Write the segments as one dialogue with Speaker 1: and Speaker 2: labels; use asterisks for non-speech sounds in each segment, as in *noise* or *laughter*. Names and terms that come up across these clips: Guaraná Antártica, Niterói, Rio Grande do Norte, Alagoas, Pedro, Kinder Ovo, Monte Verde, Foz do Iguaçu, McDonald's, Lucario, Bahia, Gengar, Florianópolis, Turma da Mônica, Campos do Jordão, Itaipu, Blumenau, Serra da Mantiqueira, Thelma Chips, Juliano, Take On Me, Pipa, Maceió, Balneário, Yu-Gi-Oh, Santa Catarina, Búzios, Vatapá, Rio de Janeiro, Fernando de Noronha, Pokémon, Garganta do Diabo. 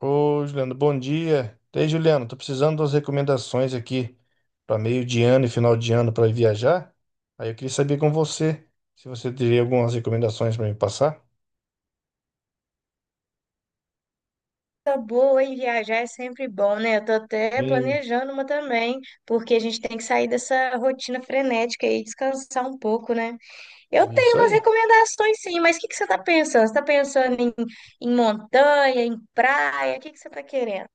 Speaker 1: Ô, Juliano, bom dia. E aí, Juliano, tô precisando das recomendações aqui para meio de ano e final de ano para viajar. Aí eu queria saber com você se você teria algumas recomendações para me passar.
Speaker 2: Coisa boa e viajar é sempre bom, né? Eu tô até
Speaker 1: Sim.
Speaker 2: planejando uma também, porque a gente tem que sair dessa rotina frenética e descansar um pouco, né? Eu tenho
Speaker 1: Isso
Speaker 2: umas
Speaker 1: aí.
Speaker 2: recomendações sim, mas o que que você tá pensando? Você tá pensando em montanha, em praia? O que que você tá querendo?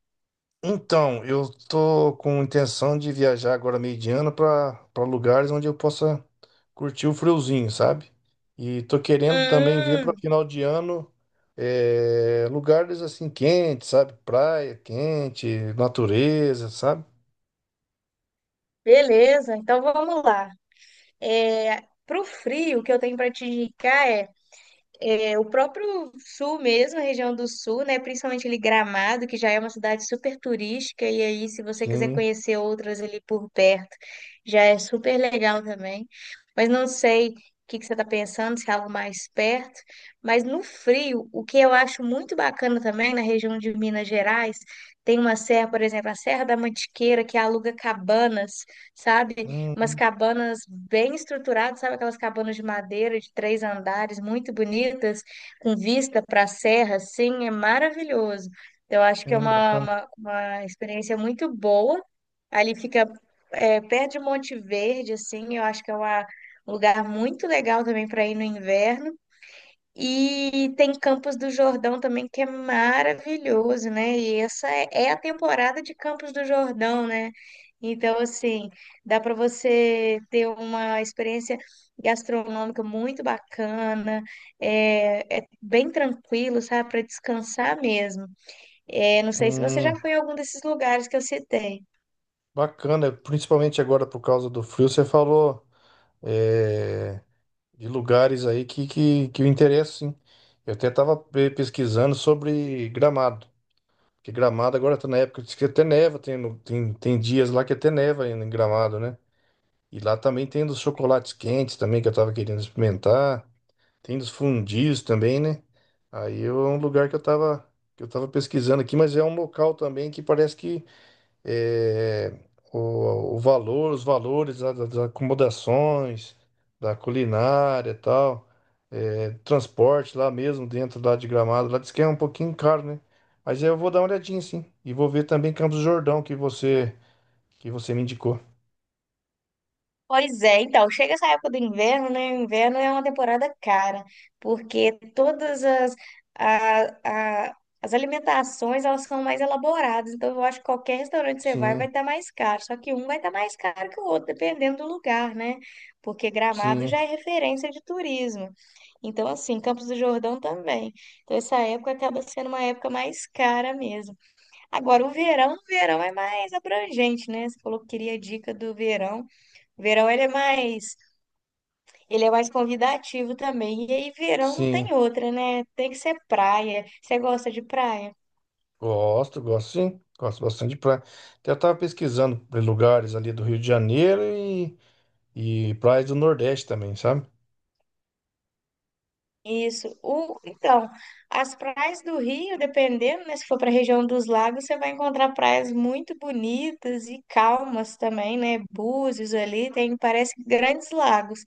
Speaker 1: Então, eu tô com intenção de viajar agora meio de ano para lugares onde eu possa curtir o friozinho, sabe? E tô querendo também ver para
Speaker 2: Hum,
Speaker 1: final de ano, lugares assim quentes, sabe? Praia quente, natureza, sabe?
Speaker 2: beleza, então vamos lá. Pro frio, o que eu tenho para te indicar é o próprio sul mesmo, a região do sul, né? Principalmente ali Gramado, que já é uma cidade super turística, e aí, se você quiser
Speaker 1: Sim.
Speaker 2: conhecer outras ali por perto, já é super legal também. Mas não sei o que que você está pensando, se é algo mais perto. Mas no frio, o que eu acho muito bacana também na região de Minas Gerais, tem uma serra, por exemplo, a Serra da Mantiqueira, que aluga cabanas, sabe? Umas
Speaker 1: Hum,
Speaker 2: cabanas bem estruturadas, sabe aquelas cabanas de madeira de três andares, muito bonitas, com vista para a serra, assim, é maravilhoso. Eu acho que é uma,
Speaker 1: bacana.
Speaker 2: uma, uma experiência muito boa. Ali fica perto de Monte Verde, assim, eu acho que é um lugar muito legal também para ir no inverno. E tem Campos do Jordão também, que é maravilhoso, né? E essa é a temporada de Campos do Jordão, né? Então, assim, dá para você ter uma experiência gastronômica muito bacana, é bem tranquilo, sabe? Para descansar mesmo. É, não sei se você já
Speaker 1: Hum,
Speaker 2: foi em algum desses lugares que eu citei.
Speaker 1: bacana, principalmente agora por causa do frio, você falou, é, de lugares aí que eu interesso, sim. Eu até estava pesquisando sobre Gramado, porque Gramado agora está na época de que até neva, tem, tem dias lá que até neva ainda em Gramado, né? E lá também tem dos chocolates quentes também que eu estava querendo experimentar, tem dos fundios também, né? Aí é um lugar que eu estava, que eu estava pesquisando aqui, mas é um local também que parece que, é, o valor, os valores das acomodações, da culinária e tal, transporte lá mesmo, dentro lá de Gramado, lá diz que é um pouquinho caro, né? Mas eu vou dar uma olhadinha, sim. E vou ver também Campos do Jordão, que você me indicou.
Speaker 2: Pois é, então, chega essa época do inverno, né? O inverno é uma temporada cara, porque todas as, a- as alimentações, elas são mais elaboradas, então eu acho que qualquer restaurante que você vai, vai
Speaker 1: Sim,
Speaker 2: estar mais caro, só que um vai estar mais caro que o outro, dependendo do lugar, né? Porque Gramado
Speaker 1: sim,
Speaker 2: já é referência de turismo. Então, assim, Campos do Jordão também. Então, essa época acaba sendo uma época mais cara mesmo. Agora, o verão é mais abrangente, né? Você falou que queria dica do verão. Verão ele é mais convidativo também. E aí verão não
Speaker 1: sim.
Speaker 2: tem outra, né? Tem que ser praia. Você gosta de praia?
Speaker 1: Gosto, gosto sim. Gosto bastante de praia. Até eu tava pesquisando lugares ali do Rio de Janeiro e praias do Nordeste também, sabe?
Speaker 2: Isso. Então, as praias do Rio, dependendo, né, se for para a região dos lagos, você vai encontrar praias muito bonitas e calmas também, né? Búzios ali, tem, parece grandes lagos.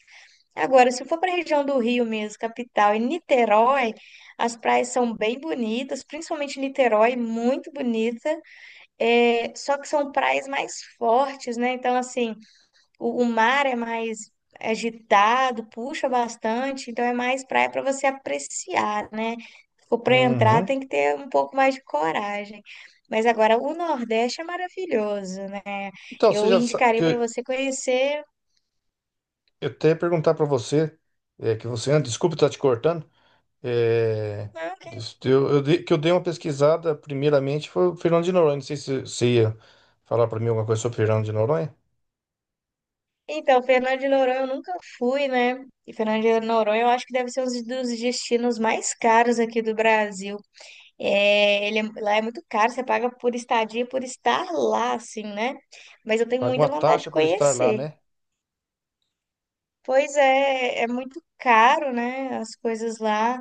Speaker 2: Agora, se for para a região do Rio mesmo, capital, e Niterói, as praias são bem bonitas, principalmente Niterói, muito bonita. É, só que são praias mais fortes, né? Então, assim, o mar é mais agitado, puxa bastante, então é mais praia para você apreciar, né? Ou para entrar
Speaker 1: Uhum.
Speaker 2: tem que ter um pouco mais de coragem. Mas agora o Nordeste é maravilhoso, né?
Speaker 1: Então, você
Speaker 2: Eu
Speaker 1: já
Speaker 2: indicaria para
Speaker 1: sabe.
Speaker 2: você conhecer.
Speaker 1: Eu até ia perguntar para você, que você anda, desculpa estar te cortando, é,
Speaker 2: Ah, ok.
Speaker 1: que eu dei uma pesquisada primeiramente foi o Fernando de Noronha, não sei se você ia falar para mim alguma coisa sobre o Fernando de Noronha.
Speaker 2: Então, Fernando de Noronha eu nunca fui, né? E Fernando de Noronha eu acho que deve ser um dos destinos mais caros aqui do Brasil. É, lá é muito caro, você paga por estadia, por estar lá, assim, né? Mas eu tenho
Speaker 1: Paga uma
Speaker 2: muita vontade de
Speaker 1: taxa por estar lá,
Speaker 2: conhecer.
Speaker 1: né?
Speaker 2: Pois é, é muito caro, né? As coisas lá.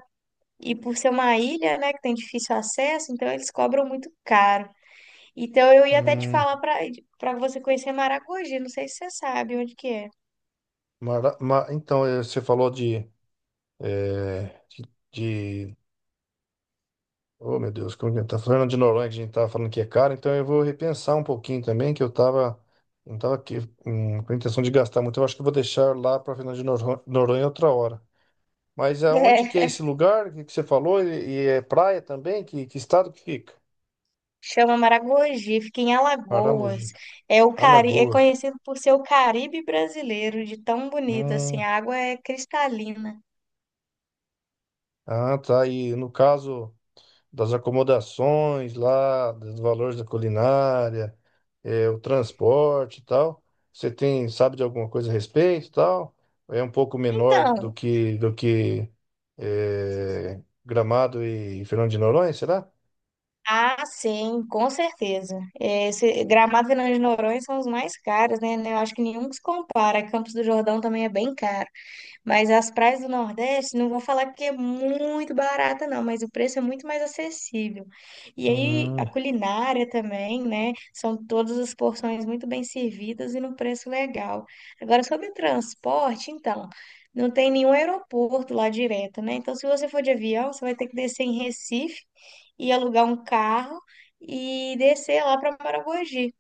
Speaker 2: E por ser uma ilha, né, que tem difícil acesso, então eles cobram muito caro. Então eu ia até te
Speaker 1: Hum,
Speaker 2: falar para você conhecer Maragogi, não sei se você sabe onde que é.
Speaker 1: então, você falou de, é, de, de- oh, meu Deus, como que tá Fernando de Noronha, que a gente estava falando que é caro, então eu vou repensar um pouquinho também, que eu tava... Não estava aqui, com a intenção de gastar muito. Eu acho que eu vou deixar lá para Fernando de Noronha Noronha outra hora. Mas
Speaker 2: *laughs*
Speaker 1: aonde que é esse
Speaker 2: É,
Speaker 1: lugar que você falou? E é praia também? Que estado que fica?
Speaker 2: chama Maragogi, fica em Alagoas.
Speaker 1: Paramogi.
Speaker 2: É o é
Speaker 1: Alagoas.
Speaker 2: conhecido por ser o Caribe brasileiro, de tão bonito assim,
Speaker 1: Hum.
Speaker 2: a água é cristalina.
Speaker 1: Ah, tá. E no caso das acomodações lá, dos valores da culinária, o transporte e tal, você tem, sabe de alguma coisa a respeito e tal? É um pouco menor do
Speaker 2: Então,
Speaker 1: que, do que é, Gramado e Fernando de Noronha, será?
Speaker 2: ah, sim, com certeza. Esse Gramado e Fernando de Noronha são os mais caros, né? Eu acho que nenhum se compara. Campos do Jordão também é bem caro. Mas as praias do Nordeste, não vou falar que é muito barata, não, mas o preço é muito mais acessível. E aí, a
Speaker 1: Hum.
Speaker 2: culinária também, né? São todas as porções muito bem servidas e num preço legal. Agora, sobre o transporte, então. Não tem nenhum aeroporto lá direto, né? Então, se você for de avião, você vai ter que descer em Recife e alugar um carro e descer lá para Maragogi.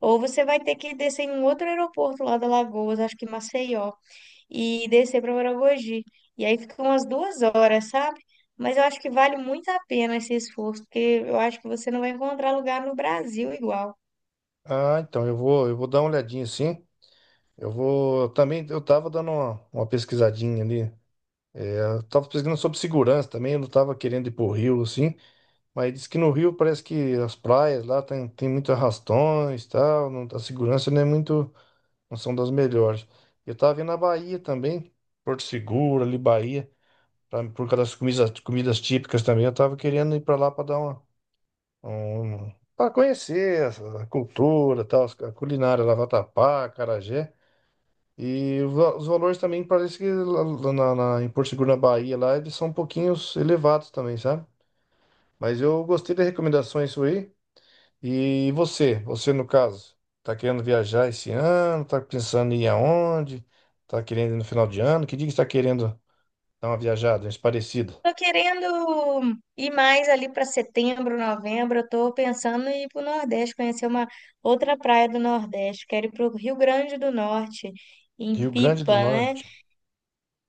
Speaker 2: Ou você vai ter que descer em um outro aeroporto lá da Lagoas, acho que Maceió, e descer para Maragogi. E aí fica umas duas horas, sabe? Mas eu acho que vale muito a pena esse esforço, porque eu acho que você não vai encontrar lugar no Brasil igual.
Speaker 1: Ah, então eu vou dar uma olhadinha sim. Eu vou. Também eu tava dando uma pesquisadinha ali. Eu tava pesquisando sobre segurança também. Eu não tava querendo ir pro Rio, assim. Mas diz que no Rio parece que as praias lá tem muito arrastões e tal. Não, a segurança não é muito. Não são das melhores. Eu tava vendo a Bahia também. Porto Seguro, ali, Bahia. Por causa das comidas, comidas típicas também. Eu tava querendo ir pra lá pra dar uma. Um, Pra conhecer a cultura, tal, a culinária, lá, Vatapá, acarajé. E os valores também parece que em Porto Seguro, na Bahia, lá eles são um pouquinho elevados também, sabe? Mas eu gostei das recomendações aí. E você, você no caso, tá querendo viajar esse ano? Tá pensando em ir aonde? Tá querendo ir no final de ano? Que dia que você tá querendo dar uma viajada, uns parecido?
Speaker 2: Tô querendo ir mais ali para setembro, novembro. Eu tô pensando em ir para o Nordeste, conhecer uma outra praia do Nordeste. Quero ir para o Rio Grande do Norte, em
Speaker 1: Rio Grande
Speaker 2: Pipa,
Speaker 1: do
Speaker 2: né?
Speaker 1: Norte.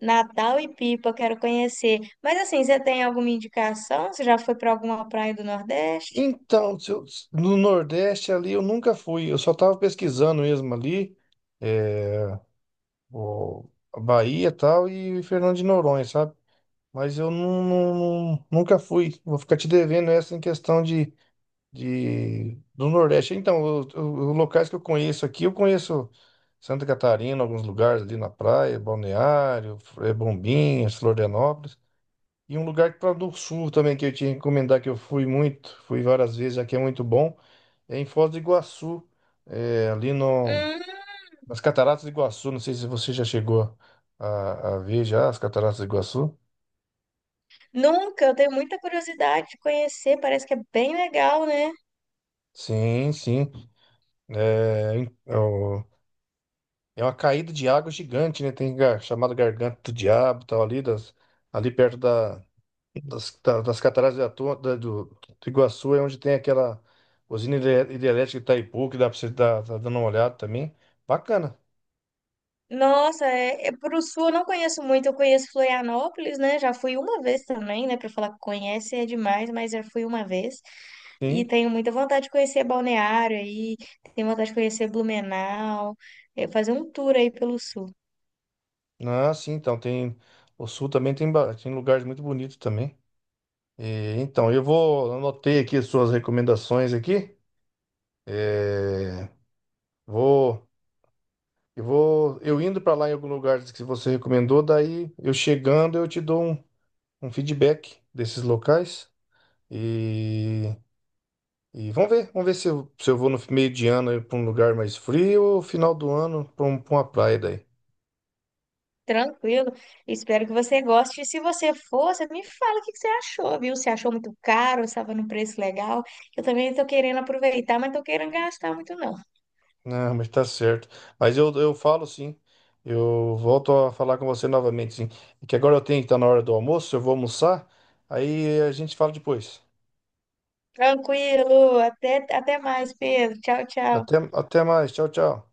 Speaker 2: Natal e Pipa, eu quero conhecer. Mas assim, você tem alguma indicação? Você já foi para alguma praia do Nordeste?
Speaker 1: Então, se eu- no Nordeste ali eu nunca fui, eu só tava pesquisando mesmo ali, eh, o a Bahia e tal, e Fernando de Noronha, sabe? Mas eu não, não- não- nunca fui. Vou ficar te devendo essa em questão de do Nordeste. Então, os locais que eu conheço aqui, eu conheço Santa Catarina, alguns lugares ali na praia, Balneário, Bombinhas, Florianópolis. E um lugar para do Sul também que eu tinha que recomendar que eu fui muito, fui várias vezes, aqui é muito bom, é em Foz do Iguaçu, ali no,
Speaker 2: Hum,
Speaker 1: nas Cataratas do Iguaçu. Não sei se você já chegou a ver já as Cataratas do Iguaçu.
Speaker 2: nunca, eu tenho muita curiosidade de conhecer, parece que é bem legal, né?
Speaker 1: Sim, sim. É, é o- É uma caída de água gigante, né? Tem gar, chamado Garganta do Diabo, tal, ali, das, ali perto da, das cataratas de do, do Iguaçu, é onde tem aquela usina hidrelétrica de Itaipu, que dá pra você dar, tá dando uma olhada também. Bacana,
Speaker 2: Nossa, pro sul eu não conheço muito, eu conheço Florianópolis, né? Já fui uma vez também, né? Para falar que conhece é demais, mas já fui uma vez. E
Speaker 1: sim.
Speaker 2: tenho muita vontade de conhecer Balneário aí, tenho vontade de conhecer Blumenau, fazer um tour aí pelo sul.
Speaker 1: Ah, sim, então tem. O sul também tem, tem lugares muito bonitos também. E, então, eu vou. Anotei aqui as suas recomendações aqui. É, vou. Eu vou, eu indo para lá em algum lugar que você recomendou, daí eu chegando eu te dou um, um feedback desses locais e, e vamos ver se eu, se eu vou no meio de ano para um lugar mais frio ou final do ano para um, pra uma praia daí.
Speaker 2: Tranquilo. Espero que você goste. E se você for, você me fala o que que você achou, viu? Se achou muito caro, estava num preço legal. Eu também estou querendo aproveitar, mas não estou querendo gastar muito, não.
Speaker 1: Não, mas tá certo. Mas eu falo sim, eu volto a falar com você novamente sim. É que agora eu tenho que estar na hora do almoço, eu vou almoçar, aí a gente fala depois.
Speaker 2: Tranquilo. Até, até mais, Pedro. Tchau, tchau.
Speaker 1: Até, até mais, tchau, tchau.